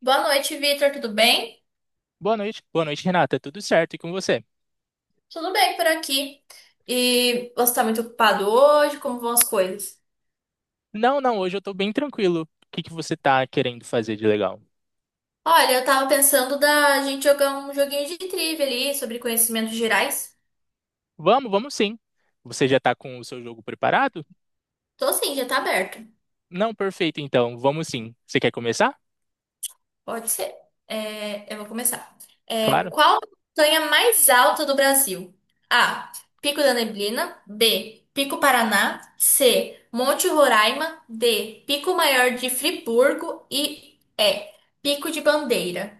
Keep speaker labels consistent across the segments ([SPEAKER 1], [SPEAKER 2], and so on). [SPEAKER 1] Boa noite, Vitor. Tudo bem?
[SPEAKER 2] Boa noite. Boa noite, Renata. Tudo certo? E com você?
[SPEAKER 1] Tudo bem por aqui. E você tá muito ocupado hoje? Como vão as coisas?
[SPEAKER 2] Não, não, hoje eu tô bem tranquilo. O que que você tá querendo fazer de legal?
[SPEAKER 1] Olha, eu tava pensando da gente jogar um joguinho de trivia ali sobre conhecimentos gerais.
[SPEAKER 2] Vamos, vamos sim. Você já tá com o seu jogo preparado?
[SPEAKER 1] Tô sim, já tá aberto.
[SPEAKER 2] Não, perfeito, então. Vamos sim. Você quer começar?
[SPEAKER 1] Pode ser. É, eu vou começar. É,
[SPEAKER 2] Claro.
[SPEAKER 1] qual a montanha mais alta do Brasil? A. Pico da Neblina. B. Pico Paraná. C. Monte Roraima. D. Pico Maior de Friburgo. E. Pico de Bandeira.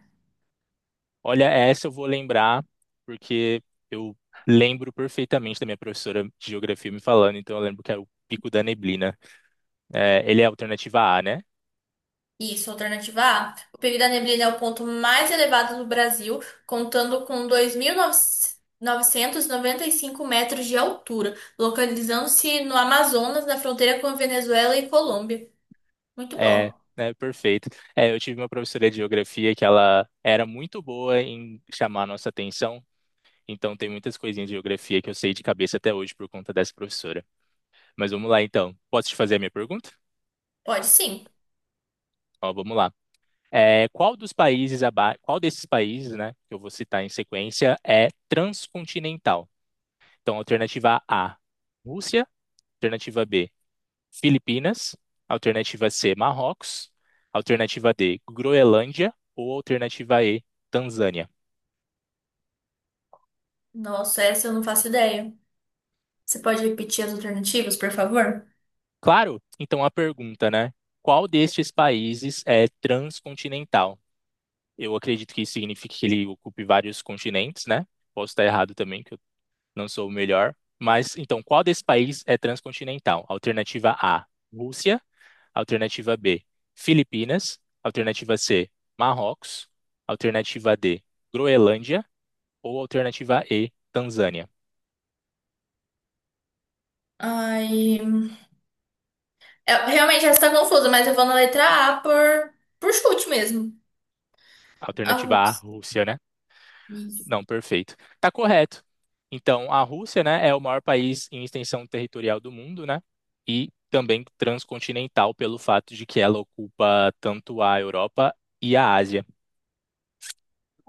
[SPEAKER 2] Olha, essa eu vou lembrar, porque eu lembro perfeitamente da minha professora de geografia me falando, então eu lembro que é o Pico da Neblina. É, ele é a alternativa A, né?
[SPEAKER 1] Isso, alternativa A. O período da neblina é o ponto mais elevado do Brasil, contando com 2995 metros de altura, localizando-se no Amazonas, na fronteira com a Venezuela e Colômbia. Muito
[SPEAKER 2] É,
[SPEAKER 1] bom.
[SPEAKER 2] né, perfeito. É, eu tive uma professora de geografia que ela era muito boa em chamar a nossa atenção, então tem muitas coisinhas de geografia que eu sei de cabeça até hoje por conta dessa professora. Mas vamos lá então. Posso te fazer a minha pergunta?
[SPEAKER 1] Pode sim.
[SPEAKER 2] Ó, vamos lá. É, qual desses países, né, que eu vou citar em sequência é transcontinental? Então, alternativa A, Rússia, alternativa B, Filipinas, alternativa C, Marrocos, alternativa D, Groenlândia ou alternativa E, Tanzânia.
[SPEAKER 1] Nossa, essa eu não faço ideia. Você pode repetir as alternativas, por favor?
[SPEAKER 2] Claro, então a pergunta, né? Qual destes países é transcontinental? Eu acredito que isso signifique que ele ocupe vários continentes, né? Posso estar errado também, que eu não sou o melhor. Mas então, qual desse país é transcontinental? Alternativa A, Rússia. Alternativa B, Filipinas. Alternativa C, Marrocos. Alternativa D, Groenlândia ou alternativa E, Tanzânia.
[SPEAKER 1] Ai, é, realmente essa está confusa, mas eu vou na letra A por chute mesmo.
[SPEAKER 2] Alternativa A,
[SPEAKER 1] Arroz.
[SPEAKER 2] Rússia, né?
[SPEAKER 1] Isso.
[SPEAKER 2] Não, perfeito. Tá correto. Então, a Rússia, né, é o maior país em extensão territorial do mundo, né? E também transcontinental pelo fato de que ela ocupa tanto a Europa e a Ásia.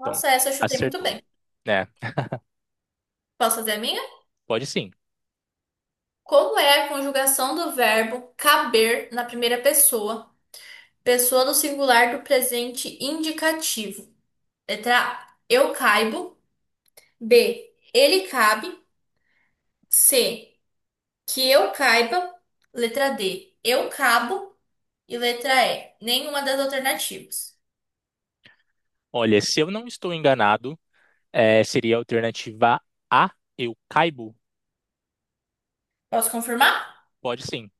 [SPEAKER 2] Então,
[SPEAKER 1] essa eu chutei muito
[SPEAKER 2] acertou,
[SPEAKER 1] bem.
[SPEAKER 2] né?
[SPEAKER 1] Posso fazer a minha?
[SPEAKER 2] Pode sim.
[SPEAKER 1] Como é a conjugação do verbo caber na primeira pessoa, pessoa do singular do presente indicativo? Letra A. Eu caibo. B. Ele cabe. C. Que eu caiba. Letra D. Eu cabo. E letra E. Nenhuma das alternativas.
[SPEAKER 2] Olha, se eu não estou enganado, é, seria a alternativa A, eu caibo?
[SPEAKER 1] Posso confirmar?
[SPEAKER 2] Pode sim.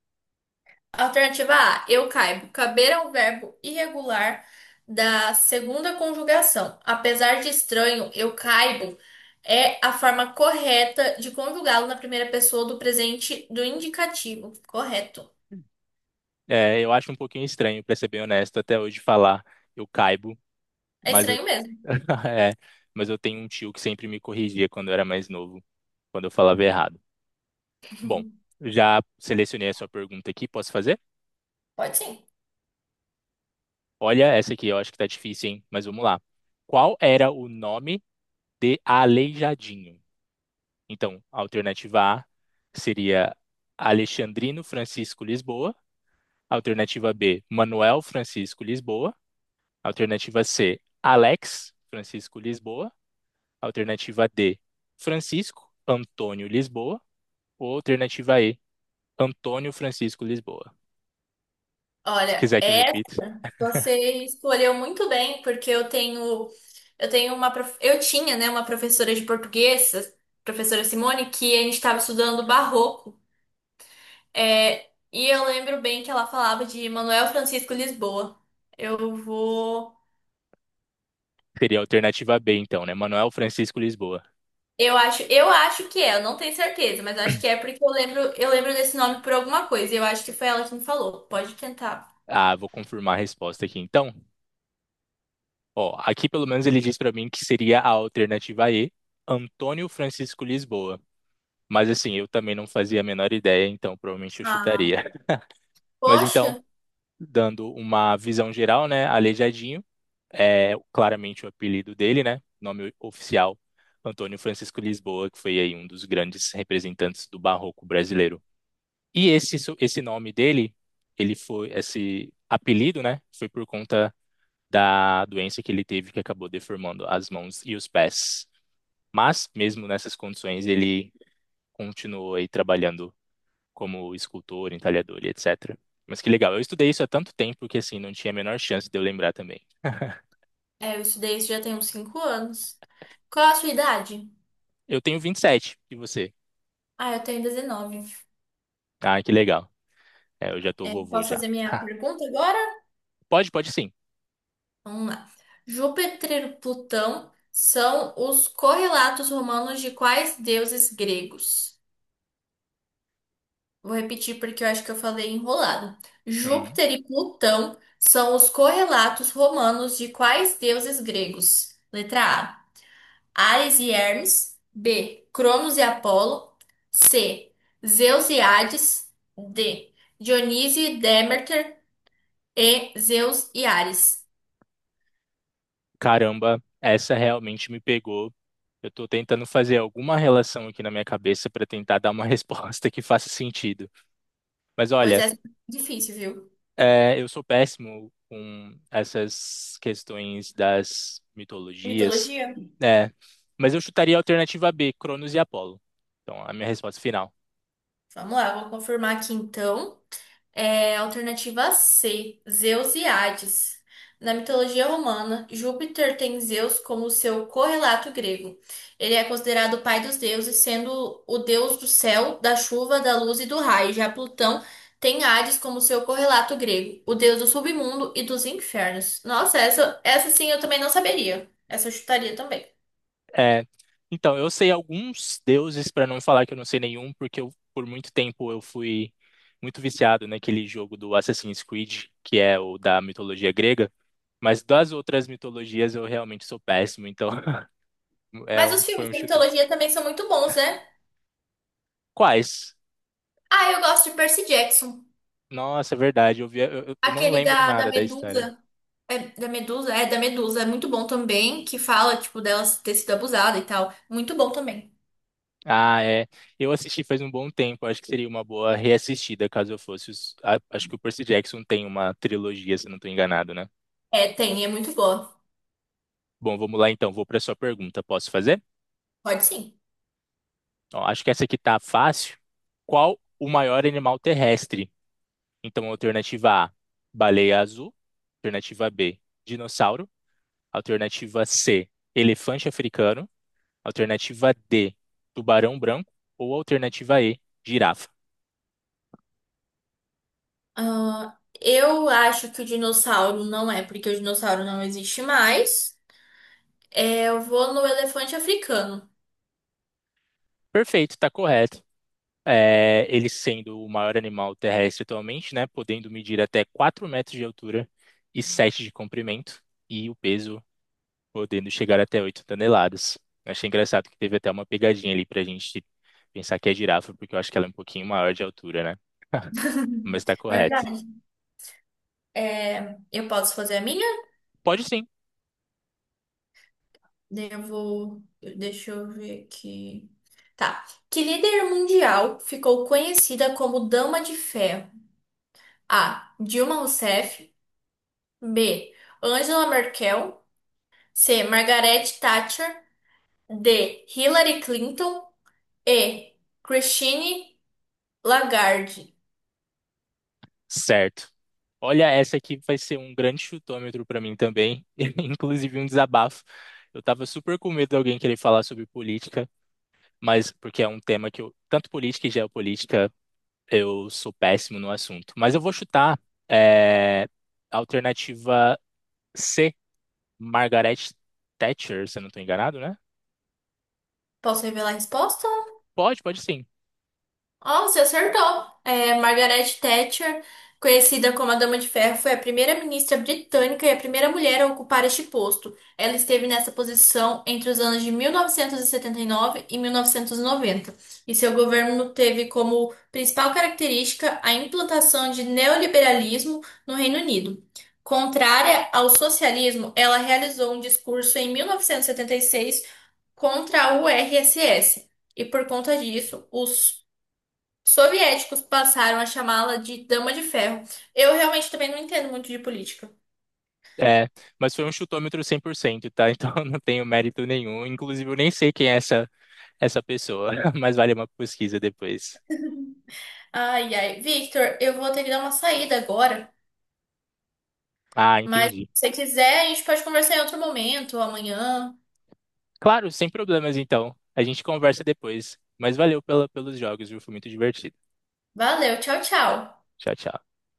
[SPEAKER 1] Alternativa A, eu caibo. Caber é um verbo irregular da segunda conjugação. Apesar de estranho, eu caibo é a forma correta de conjugá-lo na primeira pessoa do presente do indicativo. Correto.
[SPEAKER 2] É, eu acho um pouquinho estranho, pra ser bem honesto, até hoje falar eu caibo,
[SPEAKER 1] É
[SPEAKER 2] mas eu
[SPEAKER 1] estranho mesmo.
[SPEAKER 2] é, mas eu tenho um tio que sempre me corrigia quando eu era mais novo, quando eu falava errado. Bom, já selecionei a sua pergunta aqui, posso fazer?
[SPEAKER 1] Pode sim.
[SPEAKER 2] Olha essa aqui, eu acho que tá difícil, hein? Mas vamos lá. Qual era o nome de Aleijadinho? Então, a alternativa A seria Alexandrino Francisco Lisboa, alternativa B, Manuel Francisco Lisboa. Alternativa C, Alex Francisco Lisboa. Alternativa D, Francisco Antônio Lisboa. Ou alternativa E, Antônio Francisco Lisboa. Se
[SPEAKER 1] Olha,
[SPEAKER 2] quiser que eu repita,
[SPEAKER 1] essa você escolheu muito bem, porque eu tinha, né, uma professora de português, a professora Simone, que a gente estava estudando barroco. É, e eu lembro bem que ela falava de Manuel Francisco Lisboa. Eu vou.
[SPEAKER 2] seria a alternativa B, então, né? Manuel Francisco Lisboa.
[SPEAKER 1] Eu acho que é, eu não tenho certeza, mas acho que é porque eu lembro, desse nome por alguma coisa. E Eu acho que foi ela que me falou. Pode tentar.
[SPEAKER 2] Ah, vou confirmar a resposta aqui, então. Ó, aqui pelo menos ele diz para mim que seria a alternativa E, Antônio Francisco Lisboa. Mas assim, eu também não fazia a menor ideia, então provavelmente eu
[SPEAKER 1] Ah,
[SPEAKER 2] chutaria. Mas então,
[SPEAKER 1] poxa,
[SPEAKER 2] dando uma visão geral, né? Aleijadinho, é claramente o apelido dele, né? Nome oficial, Antônio Francisco Lisboa, que foi aí um dos grandes representantes do barroco brasileiro. E esse nome dele, ele foi esse apelido, né? Foi por conta da doença que ele teve que acabou deformando as mãos e os pés. Mas mesmo nessas condições, ele continuou aí trabalhando como escultor, entalhador e etc. Mas que legal, eu estudei isso há tanto tempo que assim não tinha a menor chance de eu lembrar também.
[SPEAKER 1] é, eu estudei isso já tem uns 5 anos. Qual a sua idade?
[SPEAKER 2] Eu tenho 27. E você?
[SPEAKER 1] Ah, eu tenho 19.
[SPEAKER 2] Ah, que legal. É, eu já tô
[SPEAKER 1] É,
[SPEAKER 2] vovô
[SPEAKER 1] posso
[SPEAKER 2] já.
[SPEAKER 1] fazer minha
[SPEAKER 2] Ah,
[SPEAKER 1] pergunta agora?
[SPEAKER 2] pode, pode sim.
[SPEAKER 1] Vamos lá. Júpiter e Plutão são os correlatos romanos de quais deuses gregos? Vou repetir porque eu acho que eu falei enrolado.
[SPEAKER 2] Uhum.
[SPEAKER 1] Júpiter e Plutão são os correlatos romanos de quais deuses gregos? Letra A. Ares e Hermes. B. Cronos e Apolo. C. Zeus e Hades. D. Dionísio e Deméter. E. Zeus e Ares.
[SPEAKER 2] Caramba, essa realmente me pegou. Eu tô tentando fazer alguma relação aqui na minha cabeça para tentar dar uma resposta que faça sentido. Mas
[SPEAKER 1] Pois
[SPEAKER 2] olha,
[SPEAKER 1] é, difícil, viu?
[SPEAKER 2] é, eu sou péssimo com essas questões das mitologias,
[SPEAKER 1] Mitologia?
[SPEAKER 2] né? Mas eu chutaria a alternativa B, Cronos e Apolo. Então, a minha resposta final.
[SPEAKER 1] Vamos lá, vou confirmar aqui então. É, alternativa C, Zeus e Hades. Na mitologia romana, Júpiter tem Zeus como seu correlato grego. Ele é considerado o pai dos deuses, sendo o deus do céu, da chuva, da luz e do raio. Já Plutão tem Hades como seu correlato grego, o deus do submundo e dos infernos. Nossa, essa sim eu também não saberia. Essa eu chutaria também.
[SPEAKER 2] É, então, eu sei alguns deuses, para não falar que eu não sei nenhum, porque eu, por muito tempo eu fui muito viciado naquele jogo do Assassin's Creed, que é o da mitologia grega, mas das outras mitologias eu realmente sou péssimo, então é,
[SPEAKER 1] Mas os
[SPEAKER 2] foi
[SPEAKER 1] filmes
[SPEAKER 2] um
[SPEAKER 1] da
[SPEAKER 2] chute.
[SPEAKER 1] mitologia também são muito bons, né?
[SPEAKER 2] Quais?
[SPEAKER 1] Ah, eu gosto de Percy Jackson,
[SPEAKER 2] Nossa, é verdade, eu, vi, eu não
[SPEAKER 1] aquele
[SPEAKER 2] lembro
[SPEAKER 1] da
[SPEAKER 2] nada da história.
[SPEAKER 1] Medusa. É, da Medusa? É, da Medusa. É muito bom também, que fala, tipo, dela ter sido abusada e tal. Muito bom também.
[SPEAKER 2] Ah, é. Eu assisti faz um bom tempo, acho que seria uma boa reassistida caso eu fosse. Acho que o Percy Jackson tem uma trilogia, se eu não estou enganado, né?
[SPEAKER 1] É, tem, é muito boa.
[SPEAKER 2] Bom, vamos lá então. Vou para a sua pergunta. Posso fazer?
[SPEAKER 1] Pode sim.
[SPEAKER 2] Ó, acho que essa aqui tá fácil. Qual o maior animal terrestre? Então, alternativa A, baleia azul. Alternativa B, dinossauro. Alternativa C, elefante africano. Alternativa D, tubarão branco. Ou alternativa E, girafa.
[SPEAKER 1] Ah, eu acho que o dinossauro não é, porque o dinossauro não existe mais. É, eu vou no elefante africano.
[SPEAKER 2] Perfeito, está correto. É, ele sendo o maior animal terrestre atualmente, né, podendo medir até 4 metros de altura e 7 de comprimento, e o peso podendo chegar até 8 toneladas. Eu achei engraçado que teve até uma pegadinha ali para a gente pensar que é girafa, porque eu acho que ela é um pouquinho maior de altura, né? Mas está correto.
[SPEAKER 1] Verdade. É, eu posso fazer a minha?
[SPEAKER 2] Pode sim.
[SPEAKER 1] Daí eu vou. Deixa eu ver aqui. Tá. Que líder mundial ficou conhecida como Dama de Ferro? A. Dilma Rousseff. B. Angela Merkel. C. Margaret Thatcher. D. Hillary Clinton. E. Christine Lagarde.
[SPEAKER 2] Certo. Olha, essa aqui vai ser um grande chutômetro para mim também, inclusive um desabafo. Eu estava super com medo de alguém querer falar sobre política, mas porque é um tema que eu, tanto política e geopolítica, eu sou péssimo no assunto. Mas eu vou chutar é, alternativa C, Margaret Thatcher, se eu não estou enganado, né?
[SPEAKER 1] Posso revelar a resposta?
[SPEAKER 2] Pode, pode sim.
[SPEAKER 1] Ó, você acertou. É, Margaret Thatcher, conhecida como a Dama de Ferro, foi a primeira ministra britânica e a primeira mulher a ocupar este posto. Ela esteve nessa posição entre os anos de 1979 e 1990, e nove e 1990, e seu governo teve como principal característica a implantação de neoliberalismo no Reino Unido. Contrária ao socialismo, ela realizou um discurso em 1976 contra o RSS. E por conta disso, os soviéticos passaram a chamá-la de Dama de Ferro. Eu realmente também não entendo muito de política.
[SPEAKER 2] É, mas foi um chutômetro 100%, tá? Então eu não tenho mérito nenhum. Inclusive, eu nem sei quem é essa, essa pessoa, mas vale uma pesquisa depois.
[SPEAKER 1] Ai, ai. Victor, eu vou ter que dar uma saída agora,
[SPEAKER 2] Ah,
[SPEAKER 1] mas se
[SPEAKER 2] entendi.
[SPEAKER 1] você quiser, a gente pode conversar em outro momento, amanhã.
[SPEAKER 2] Claro, sem problemas então. A gente conversa depois. Mas valeu pelos jogos, viu? Foi muito divertido.
[SPEAKER 1] Valeu, tchau, tchau.
[SPEAKER 2] Tchau, tchau.